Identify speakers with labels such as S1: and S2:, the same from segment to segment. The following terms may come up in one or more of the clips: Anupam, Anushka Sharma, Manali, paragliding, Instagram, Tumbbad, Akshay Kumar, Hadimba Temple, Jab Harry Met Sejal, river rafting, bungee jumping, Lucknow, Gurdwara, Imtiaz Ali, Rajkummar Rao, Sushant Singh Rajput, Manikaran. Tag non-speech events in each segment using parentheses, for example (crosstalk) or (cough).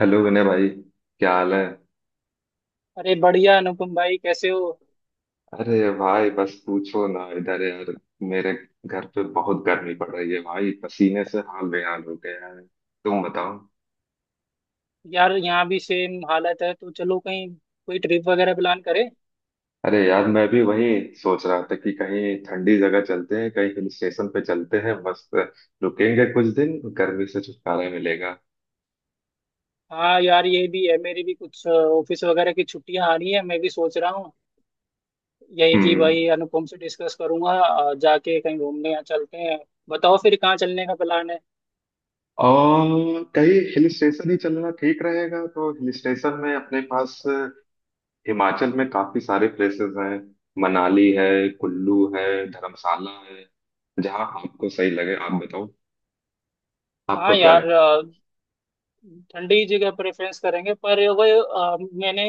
S1: Hello Vinay भाई, क्या हाल है।
S2: अरे बढ़िया अनुपम भाई, कैसे हो?
S1: अरे भाई, बस पूछो ना इधर यार। मेरे घर पे बहुत गर्मी पड़ रही है भाई, पसीने से हाल बेहाल हो गया है। तुम बताओ।
S2: यार, यहाँ भी सेम हालत है, तो चलो कहीं कोई ट्रिप वगैरह प्लान करें।
S1: अरे यार, मैं भी वही सोच रहा था कि कहीं ठंडी जगह चलते हैं, कहीं हिल स्टेशन पे चलते हैं। बस रुकेंगे कुछ दिन, गर्मी से छुटकारा मिलेगा।
S2: हाँ यार, ये भी है, मेरी भी कुछ ऑफिस वगैरह की छुट्टियां आ रही है, मैं भी सोच रहा हूँ यही कि
S1: हम्म।
S2: भाई अनुपम से डिस्कस करूंगा, जाके कहीं घूमने या चलते हैं। बताओ फिर कहाँ चलने का प्लान है?
S1: और कहीं हिल स्टेशन ही चलना ठीक रहेगा, तो हिल स्टेशन में अपने पास हिमाचल में काफी सारे प्लेसेस हैं। मनाली है, कुल्लू है, धर्मशाला है। जहाँ आपको सही लगे आप बताओ।
S2: हाँ
S1: आपको क्या
S2: यार,
S1: लगे।
S2: ठंडी जगह प्रेफरेंस करेंगे, पर वही मैंने,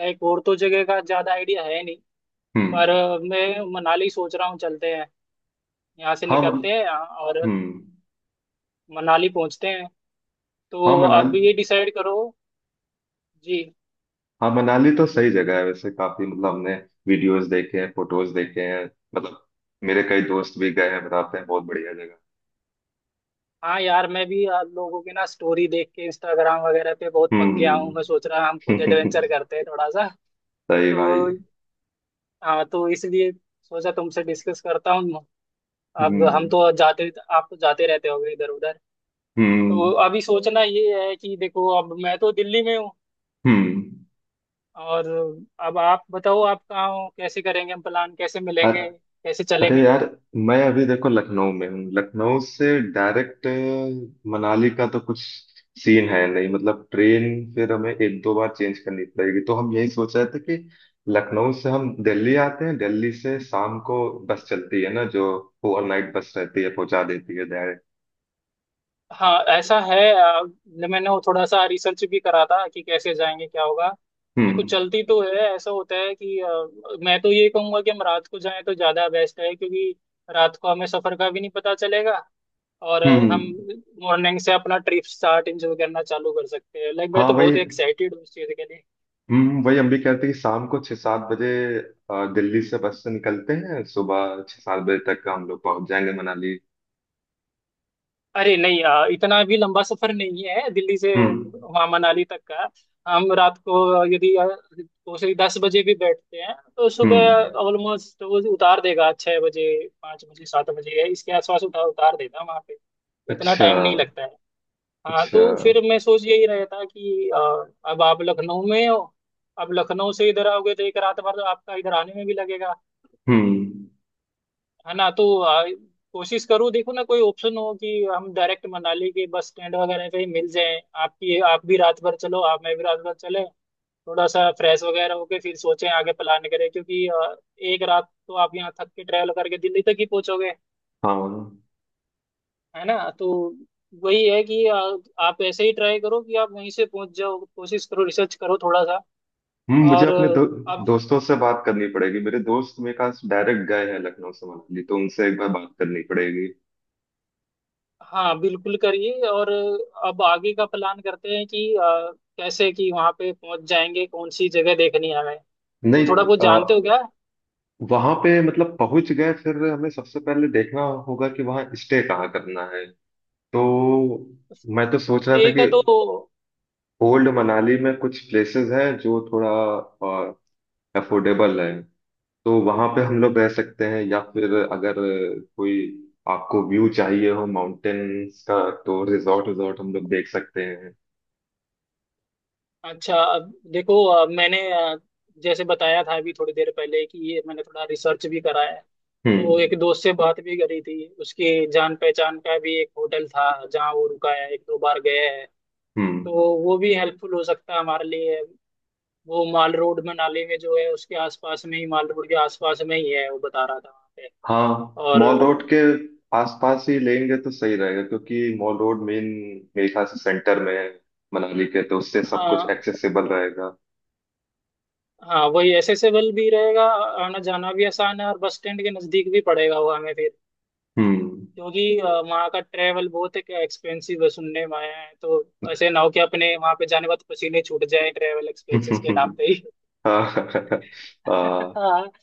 S2: लाइक, और तो जगह का ज्यादा आइडिया है नहीं। पर
S1: हम्म।
S2: मैं मनाली सोच रहा हूँ, चलते हैं, यहाँ से
S1: हाँ, मन
S2: निकलते हैं, और
S1: हम्म।
S2: मनाली पहुंचते हैं,
S1: हाँ,
S2: तो अब ये
S1: मनाली।
S2: डिसाइड करो। जी।
S1: हाँ, मनाली तो सही जगह है वैसे। काफी, मतलब हमने वीडियोस देखे हैं, फोटोज देखे हैं। मतलब मेरे कई दोस्त भी गए हैं, बताते हैं बहुत बढ़िया जगह।
S2: हाँ यार, मैं भी आप लोगों की ना स्टोरी देख के इंस्टाग्राम वगैरह पे बहुत पक गया हूँ,
S1: हम्म।
S2: मैं सोच रहा हम खुद
S1: (laughs)
S2: एडवेंचर करते हैं थोड़ा सा।
S1: सही भाई।
S2: तो हाँ, तो इसलिए सोचा तुमसे डिस्कस करता हूँ। अब हम
S1: हम्म।
S2: तो जाते, आप तो जाते रहते होगे इधर उधर। तो
S1: हम्म।
S2: अभी सोचना ये है कि देखो, अब मैं तो दिल्ली में हूँ,
S1: हम्म।
S2: और अब आप बताओ, आप कहाँ हो, कैसे करेंगे हम प्लान, कैसे मिलेंगे, कैसे
S1: अरे
S2: चलेंगे?
S1: यार, मैं अभी देखो लखनऊ में हूँ। लखनऊ से डायरेक्ट मनाली का तो कुछ सीन है नहीं, मतलब ट्रेन। फिर हमें एक दो बार चेंज करनी पड़ेगी, तो हम यही सोच रहे थे कि लखनऊ से हम दिल्ली आते हैं, दिल्ली से शाम को बस चलती है ना, जो ओवरनाइट बस रहती है, पहुंचा देती है डायरेक्ट।
S2: हाँ ऐसा है, मैंने वो थोड़ा सा रिसर्च भी करा था कि कैसे जाएंगे, क्या होगा। देखो,
S1: हम्म।
S2: चलती तो है, ऐसा होता है कि मैं तो ये कहूंगा कि हम रात को जाएं तो ज्यादा बेस्ट है, क्योंकि रात को हमें सफर का भी नहीं पता चलेगा, और हम
S1: हम्म।
S2: मॉर्निंग से अपना ट्रिप स्टार्ट, एंजॉय करना चालू कर सकते हैं। लाइक, मैं
S1: हाँ,
S2: तो
S1: वही।
S2: बहुत एक्साइटेड हूँ इस चीज के लिए।
S1: वही हम भी कहते हैं कि शाम को 6-7 बजे दिल्ली से बस से निकलते हैं, सुबह 6-7 बजे तक हम लोग पहुंच जाएंगे मनाली।
S2: अरे नहीं, इतना भी लंबा सफर नहीं है दिल्ली से
S1: हम्म।
S2: वहाँ मनाली तक का। हम रात को यदि 2 से 10 बजे भी बैठते हैं, तो सुबह
S1: हम्म।
S2: ऑलमोस्ट वो उतार देगा, 6 बजे, 5 बजे, 7 बजे, इसके आसपास उतार उतार देगा वहाँ पे। इतना
S1: अच्छा।
S2: टाइम नहीं लगता है। हाँ,
S1: अच्छा।
S2: तो फिर मैं सोच यही रहा था कि अब आप लखनऊ में हो, अब लखनऊ से इधर आओगे तो एक रात भर तो आपका इधर आने में भी लगेगा,
S1: हम्म।
S2: है ना? तो कोशिश करो, देखो ना कोई ऑप्शन हो कि हम डायरेक्ट मनाली के बस स्टैंड वगैरह पे ही मिल जाएं, आपकी आप भी रात भर चलो, आप मैं भी रात भर चले, थोड़ा सा फ्रेश वगैरह होके फिर सोचें, आगे प्लान करें, क्योंकि एक रात तो आप यहाँ थक के ट्रैवल करके दिल्ली तक ही पहुंचोगे,
S1: हाँ, हाँ।
S2: है ना। तो वही है कि आप ऐसे ही ट्राई करो कि आप वहीं से पहुंच जाओ, कोशिश करो, रिसर्च करो थोड़ा सा।
S1: मुझे
S2: और
S1: अपने
S2: आप,
S1: दोस्तों से बात करनी पड़ेगी। मेरे दोस्त मेरे पास डायरेक्ट गए हैं लखनऊ से मनाली, तो उनसे एक बार बात करनी पड़ेगी।
S2: हाँ बिल्कुल करिए। और अब आगे का प्लान करते हैं कि कैसे कि वहां पे पहुंच जाएंगे, कौन सी जगह देखनी है हमें, तो
S1: नहीं।
S2: थोड़ा बहुत
S1: आ,
S2: जानते हो क्या?
S1: वहां पे मतलब पहुंच गए फिर हमें सबसे पहले देखना होगा कि वहाँ स्टे कहाँ करना है। तो मैं तो सोच रहा था
S2: स्टे
S1: कि
S2: का तो,
S1: ओल्ड मनाली में कुछ प्लेसेस हैं जो थोड़ा अफोर्डेबल है। तो वहां पे हम लोग रह सकते हैं, या फिर अगर कोई आपको व्यू चाहिए हो माउंटेन्स का, तो रिजॉर्ट रिजॉर्ट हम लोग देख सकते हैं।
S2: अच्छा, अब देखो, मैंने, जैसे बताया था अभी थोड़ी देर पहले कि ये मैंने थोड़ा रिसर्च भी करा है, तो
S1: हम्म।
S2: एक दोस्त से बात भी करी थी, उसके जान पहचान का भी एक होटल था जहाँ वो रुका है, एक दो बार गया है।
S1: हम्म।
S2: तो वो भी हेल्पफुल हो सकता है हमारे लिए। वो माल रोड में, नाले में जो है उसके आसपास में ही, माल रोड के आसपास में ही है, वो बता रहा था वहाँ पे।
S1: हाँ,
S2: और
S1: मॉल रोड के आसपास ही लेंगे तो सही रहेगा, क्योंकि मॉल रोड मेन मेरे ख्याल से सेंटर में है मनाली के, तो उससे सब कुछ
S2: हाँ,
S1: एक्सेसिबल रहेगा।
S2: हाँ वही एसेसेबल भी रहेगा, आना जाना भी आसान है, और बस स्टैंड के नज़दीक भी पड़ेगा वो हमें, फिर
S1: हम्म।
S2: क्योंकि वहाँ का ट्रेवल बहुत एक एक्सपेंसिव है, सुनने में आया है। तो ऐसे ना हो कि अपने वहाँ पे जाने के बाद पसीने छूट जाए ट्रेवल एक्सपेंसेस के नाम पे
S1: (laughs)
S2: ही।
S1: हाँ, हाँ।
S2: (laughs)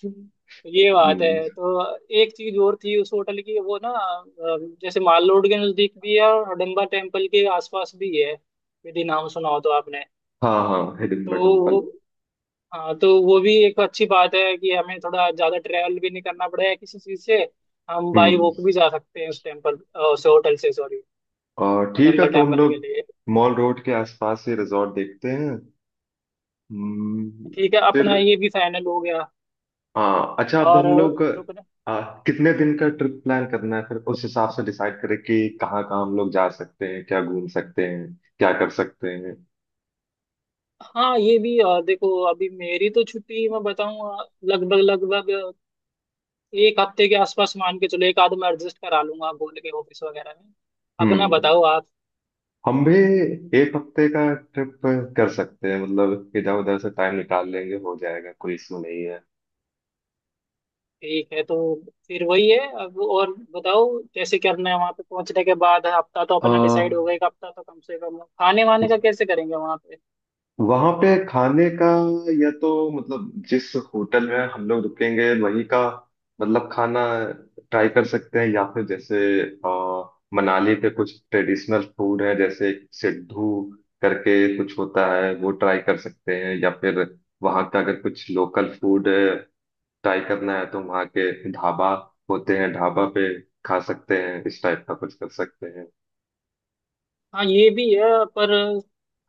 S2: ये बात है। तो एक चीज और थी उस होटल की, वो ना जैसे माल रोड के नजदीक भी है और हडम्बा टेम्पल के आसपास भी है, यदि नाम सुना हो तो आपने।
S1: हाँ, हाँ, हिडन
S2: तो वो,
S1: टेम्पल।
S2: हाँ, तो वो भी एक अच्छी बात है कि हमें थोड़ा ज्यादा ट्रैवल भी नहीं करना पड़ेगा किसी चीज से, हम बाई वॉक भी जा सकते हैं उस टेम्पल, उस होटल से, सॉरी,
S1: और ठीक है,
S2: हडम्बा
S1: तो हम
S2: टेम्पल के
S1: लोग
S2: लिए।
S1: मॉल रोड के आसपास ही रिजॉर्ट देखते हैं। हम्म।
S2: ठीक है,
S1: फिर
S2: अपना ये भी फाइनल हो गया।
S1: हाँ, अच्छा, अब
S2: और
S1: हम लोग
S2: रुकना,
S1: आ, कितने दिन का ट्रिप प्लान करना है, फिर उस हिसाब से डिसाइड करें कि कहाँ कहाँ हम लोग जा सकते हैं, क्या घूम सकते हैं, क्या कर सकते हैं।
S2: हाँ, ये भी, देखो अभी मेरी तो छुट्टी, मैं बताऊँ, लगभग लगभग एक हफ्ते के आसपास मान के चलो, एक आध मैं एडजस्ट करा लूंगा बोल के ऑफिस वगैरह में। अपना
S1: हम्म
S2: बताओ आप।
S1: हम भी एक हफ्ते का ट्रिप कर सकते हैं, मतलब इधर उधर से टाइम निकाल लेंगे, हो जाएगा, कोई इशू नहीं है।
S2: ठीक है, तो फिर वही है, अब और बताओ, कैसे करना है वहां पे पहुंचने के बाद। हफ्ता तो
S1: आ,
S2: अपना डिसाइड हो गया, एक हफ्ता तो कम से कम। खाने वाने का कैसे करेंगे वहां पे?
S1: वहां पे खाने का, या तो मतलब जिस होटल में हम लोग रुकेंगे वही का मतलब खाना ट्राई कर सकते हैं, या फिर जैसे मनाली पे कुछ ट्रेडिशनल फूड है जैसे सिड्डू करके कुछ होता है वो ट्राई कर सकते हैं, या फिर वहां का अगर कुछ लोकल फूड ट्राई करना है तो वहां के ढाबा होते हैं, ढाबा पे खा सकते हैं, इस टाइप का कुछ कर सकते हैं।
S2: हाँ, ये भी है, पर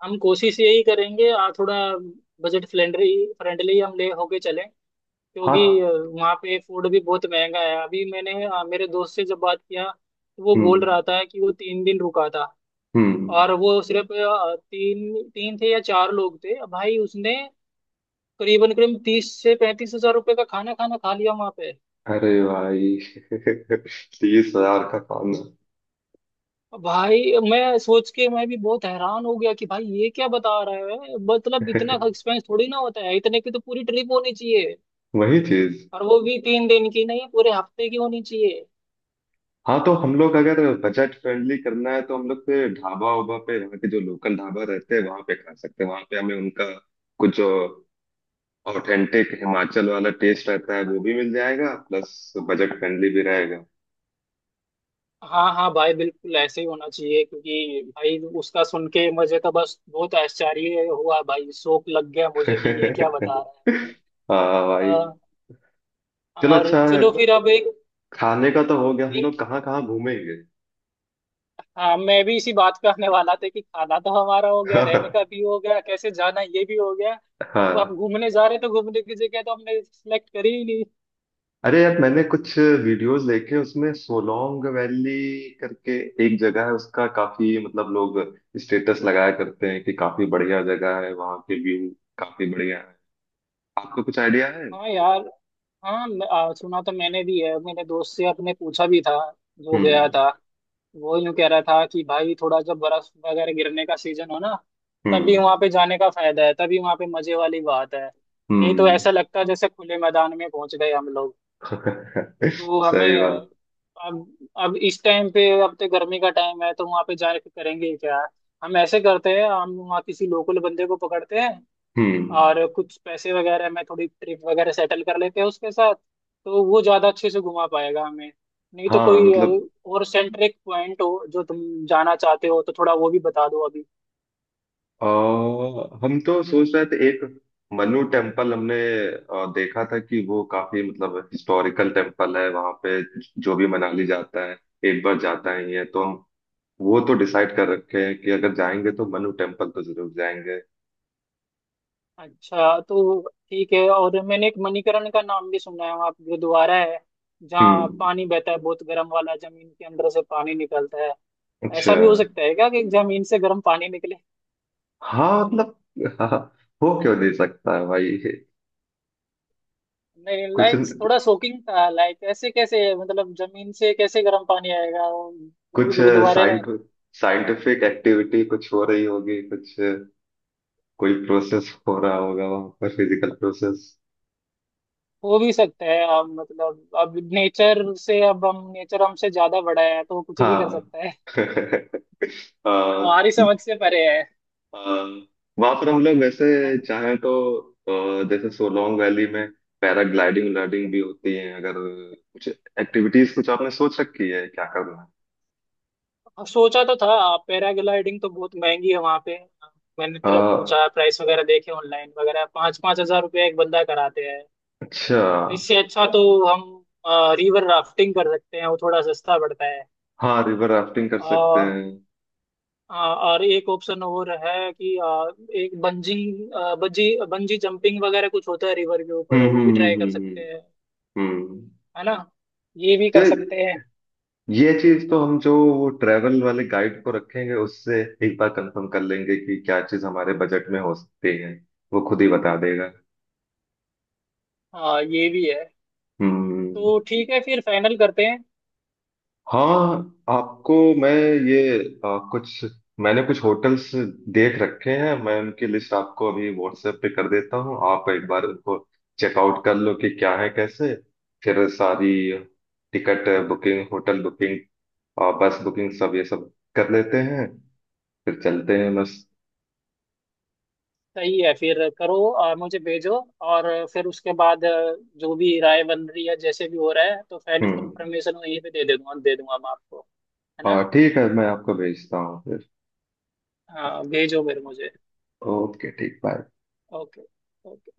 S2: हम कोशिश यही करेंगे थोड़ा बजट फ्रेंडली फ्रेंडली हम ले होके चलें,
S1: हाँ।
S2: क्योंकि वहाँ पे फूड भी बहुत महंगा है। अभी मैंने मेरे दोस्त से जब बात किया, तो वो बोल
S1: हम्म।
S2: रहा था कि वो 3 दिन रुका था,
S1: हम्म।
S2: और वो सिर्फ, तीन तीन थे या चार लोग थे भाई, उसने करीबन करीब 30 से 35 हजार रुपए का खाना खाना खा लिया वहां पे।
S1: अरे भाई! (laughs) 30,000 का खाना!
S2: भाई, मैं सोच के मैं भी बहुत हैरान हो गया कि भाई ये क्या बता रहा है, मतलब इतना
S1: (laughs)
S2: एक्सपेंस थोड़ी ना होता है, इतने की तो पूरी ट्रिप होनी चाहिए,
S1: वही चीज।
S2: और वो भी 3 दिन की नहीं, पूरे हफ्ते की होनी चाहिए।
S1: हाँ, तो हम लोग अगर बजट फ्रेंडली करना है तो हम लोग पे ढाबा उबा पे, यहाँ के जो लोकल ढाबा रहते हैं वहां पे खा सकते हैं, वहां पे हमें उनका कुछ जो ऑथेंटिक हिमाचल वाला टेस्ट रहता है वो भी मिल जाएगा, प्लस बजट फ्रेंडली भी रहेगा।
S2: हाँ हाँ भाई, बिल्कुल ऐसे ही होना चाहिए, क्योंकि भाई उसका सुन के मुझे तो बस बहुत आश्चर्य हुआ भाई, शौक लग गया मुझे कि ये क्या बता
S1: (laughs)
S2: रहा है
S1: हाँ भाई।
S2: भाई।
S1: चलो,
S2: और
S1: अच्छा है।
S2: चलो फिर अब एक,
S1: खाने का तो हो गया, हम
S2: एक
S1: लोग कहाँ कहाँ घूमेंगे।
S2: हाँ, मैं भी इसी बात पे आने वाला था कि खाना तो हमारा हो गया, रहने का भी
S1: (laughs)
S2: हो गया, कैसे जाना, ये भी हो गया। अब
S1: हाँ।
S2: घूमने जा रहे, तो घूमने की जगह तो हमने सिलेक्ट करी ही नहीं।
S1: अरे यार, मैंने कुछ वीडियोस देखे, उसमें सोलोंग वैली करके एक जगह है, उसका काफी मतलब लोग स्टेटस लगाया करते हैं कि काफी बढ़िया जगह है, वहाँ के व्यू काफी बढ़िया है। आपको कुछ आइडिया है।
S2: हाँ यार, हाँ, सुना तो मैंने भी है, मैंने दोस्त से अपने पूछा भी था जो गया
S1: हम्म।
S2: था, वो यूं कह रहा था कि भाई, थोड़ा जब बर्फ वगैरह गिरने का सीजन हो ना, तभी वहां
S1: हम्म।
S2: पे जाने का फायदा है, तभी वहां पे मजे वाली बात है। नहीं तो ऐसा
S1: हम्म।
S2: लगता है जैसे खुले मैदान में पहुंच गए हम लोग।
S1: (laughs)
S2: तो
S1: सही
S2: हमें,
S1: बात।
S2: अब इस टाइम पे अब तो गर्मी का टाइम है, तो वहां पे जाके करेंगे क्या? हम ऐसे करते हैं, हम वहाँ किसी लोकल बंदे को पकड़ते हैं
S1: हम्म।
S2: और कुछ पैसे वगैरह में थोड़ी ट्रिप वगैरह सेटल कर लेते हैं उसके साथ, तो वो ज्यादा अच्छे से घुमा पाएगा हमें। नहीं तो
S1: हाँ
S2: कोई
S1: मतलब
S2: और सेंट्रिक पॉइंट हो जो तुम जाना चाहते हो, तो थोड़ा वो भी बता दो अभी।
S1: आ, हम तो सोच रहे थे एक मनु टेम्पल, हमने देखा था कि वो काफी मतलब हिस्टोरिकल टेम्पल है वहां पे, जो भी मनाली जाता है एक बार जाता ही है, तो हम वो तो डिसाइड कर रखे हैं कि अगर जाएंगे तो मनु टेम्पल तो जरूर जाएंगे।
S2: अच्छा, तो ठीक है। और मैंने एक मणिकरण का नाम भी सुना है, वहाँ पे गुरुद्वारा है जहाँ
S1: हम्म।
S2: पानी बहता है, बहुत गर्म वाला, जमीन के अंदर से पानी निकलता है।
S1: अच्छा।
S2: ऐसा भी हो सकता है क्या कि जमीन से गर्म पानी निकले?
S1: हाँ मतलब हाँ, हो क्यों नहीं सकता है भाई।
S2: नहीं,
S1: कुछ
S2: लाइक थोड़ा शॉकिंग था, लाइक ऐसे कैसे, मतलब जमीन से कैसे गर्म पानी आएगा, वो भी
S1: कुछ
S2: गुरुद्वारे में?
S1: साइंट साइंटिफिक एक्टिविटी कुछ हो रही होगी, कुछ कोई प्रोसेस हो रहा
S2: हाँ,
S1: होगा वहां पर, फिजिकल प्रोसेस।
S2: हो भी सकता है, अब मतलब, अब नेचर से, अब हम, नेचर हमसे ज्यादा बड़ा है, तो वो कुछ भी कर
S1: हाँ।
S2: सकता है।
S1: (laughs)
S2: हाँ, हमारी समझ से परे
S1: हाँ, वहां पर हम लोग वैसे
S2: है।
S1: चाहें तो जैसे सोलोंग वैली में पैराग्लाइडिंग व्लाइडिंग भी होती है। अगर कुछ एक्टिविटीज कुछ आपने सोच रखी है क्या करना है।
S2: अब सोचा तो था, पैराग्लाइडिंग तो बहुत महंगी है वहां पे, मैंने
S1: अ,
S2: पूछा, प्राइस वगैरह देखे ऑनलाइन वगैरह, 5-5 हजार रुपये एक बंदा कराते हैं।
S1: अच्छा।
S2: इससे अच्छा तो हम रिवर राफ्टिंग कर सकते हैं, वो थोड़ा सस्ता पड़ता है।
S1: हाँ, रिवर राफ्टिंग कर सकते
S2: और
S1: हैं।
S2: हाँ, और एक ऑप्शन और है कि एक बंजी बंजी जंपिंग वगैरह कुछ होता है रिवर के ऊपर,
S1: हम्म।
S2: वो भी
S1: हम्म।
S2: ट्राई कर
S1: हम्म।
S2: सकते हैं।
S1: हम्म। हम्म।
S2: है ना, ये भी
S1: तो
S2: कर सकते हैं।
S1: ये चीज तो हम जो वो ट्रेवल वाले गाइड को रखेंगे, उससे एक बार कंफर्म कर लेंगे कि क्या चीज हमारे बजट में हो सकती है, वो खुद ही बता देगा।
S2: हाँ, ये भी है,
S1: हम्म।
S2: तो ठीक है, फिर फाइनल करते हैं।
S1: हाँ, आपको मैं ये कुछ मैंने कुछ होटल्स देख रखे हैं, मैं उनकी लिस्ट आपको अभी व्हाट्सएप पे कर देता हूँ, आप एक बार उनको चेकआउट कर लो कि क्या है कैसे। फिर सारी टिकट बुकिंग, होटल बुकिंग और बस बुकिंग, सब ये सब कर लेते हैं फिर चलते हैं बस।
S2: सही है, फिर करो और मुझे भेजो। और फिर उसके बाद, जो भी राय बन रही है, जैसे भी हो रहा है, तो फाइनल
S1: हम्म।
S2: कंफर्मेशन वहीं पे दे दे दूंगा मैं आपको, है
S1: हाँ,
S2: ना।
S1: ठीक है, मैं आपको भेजता हूँ फिर।
S2: हाँ, भेजो फिर मुझे।
S1: ओके, ठीक। बाय।
S2: ओके। ओके।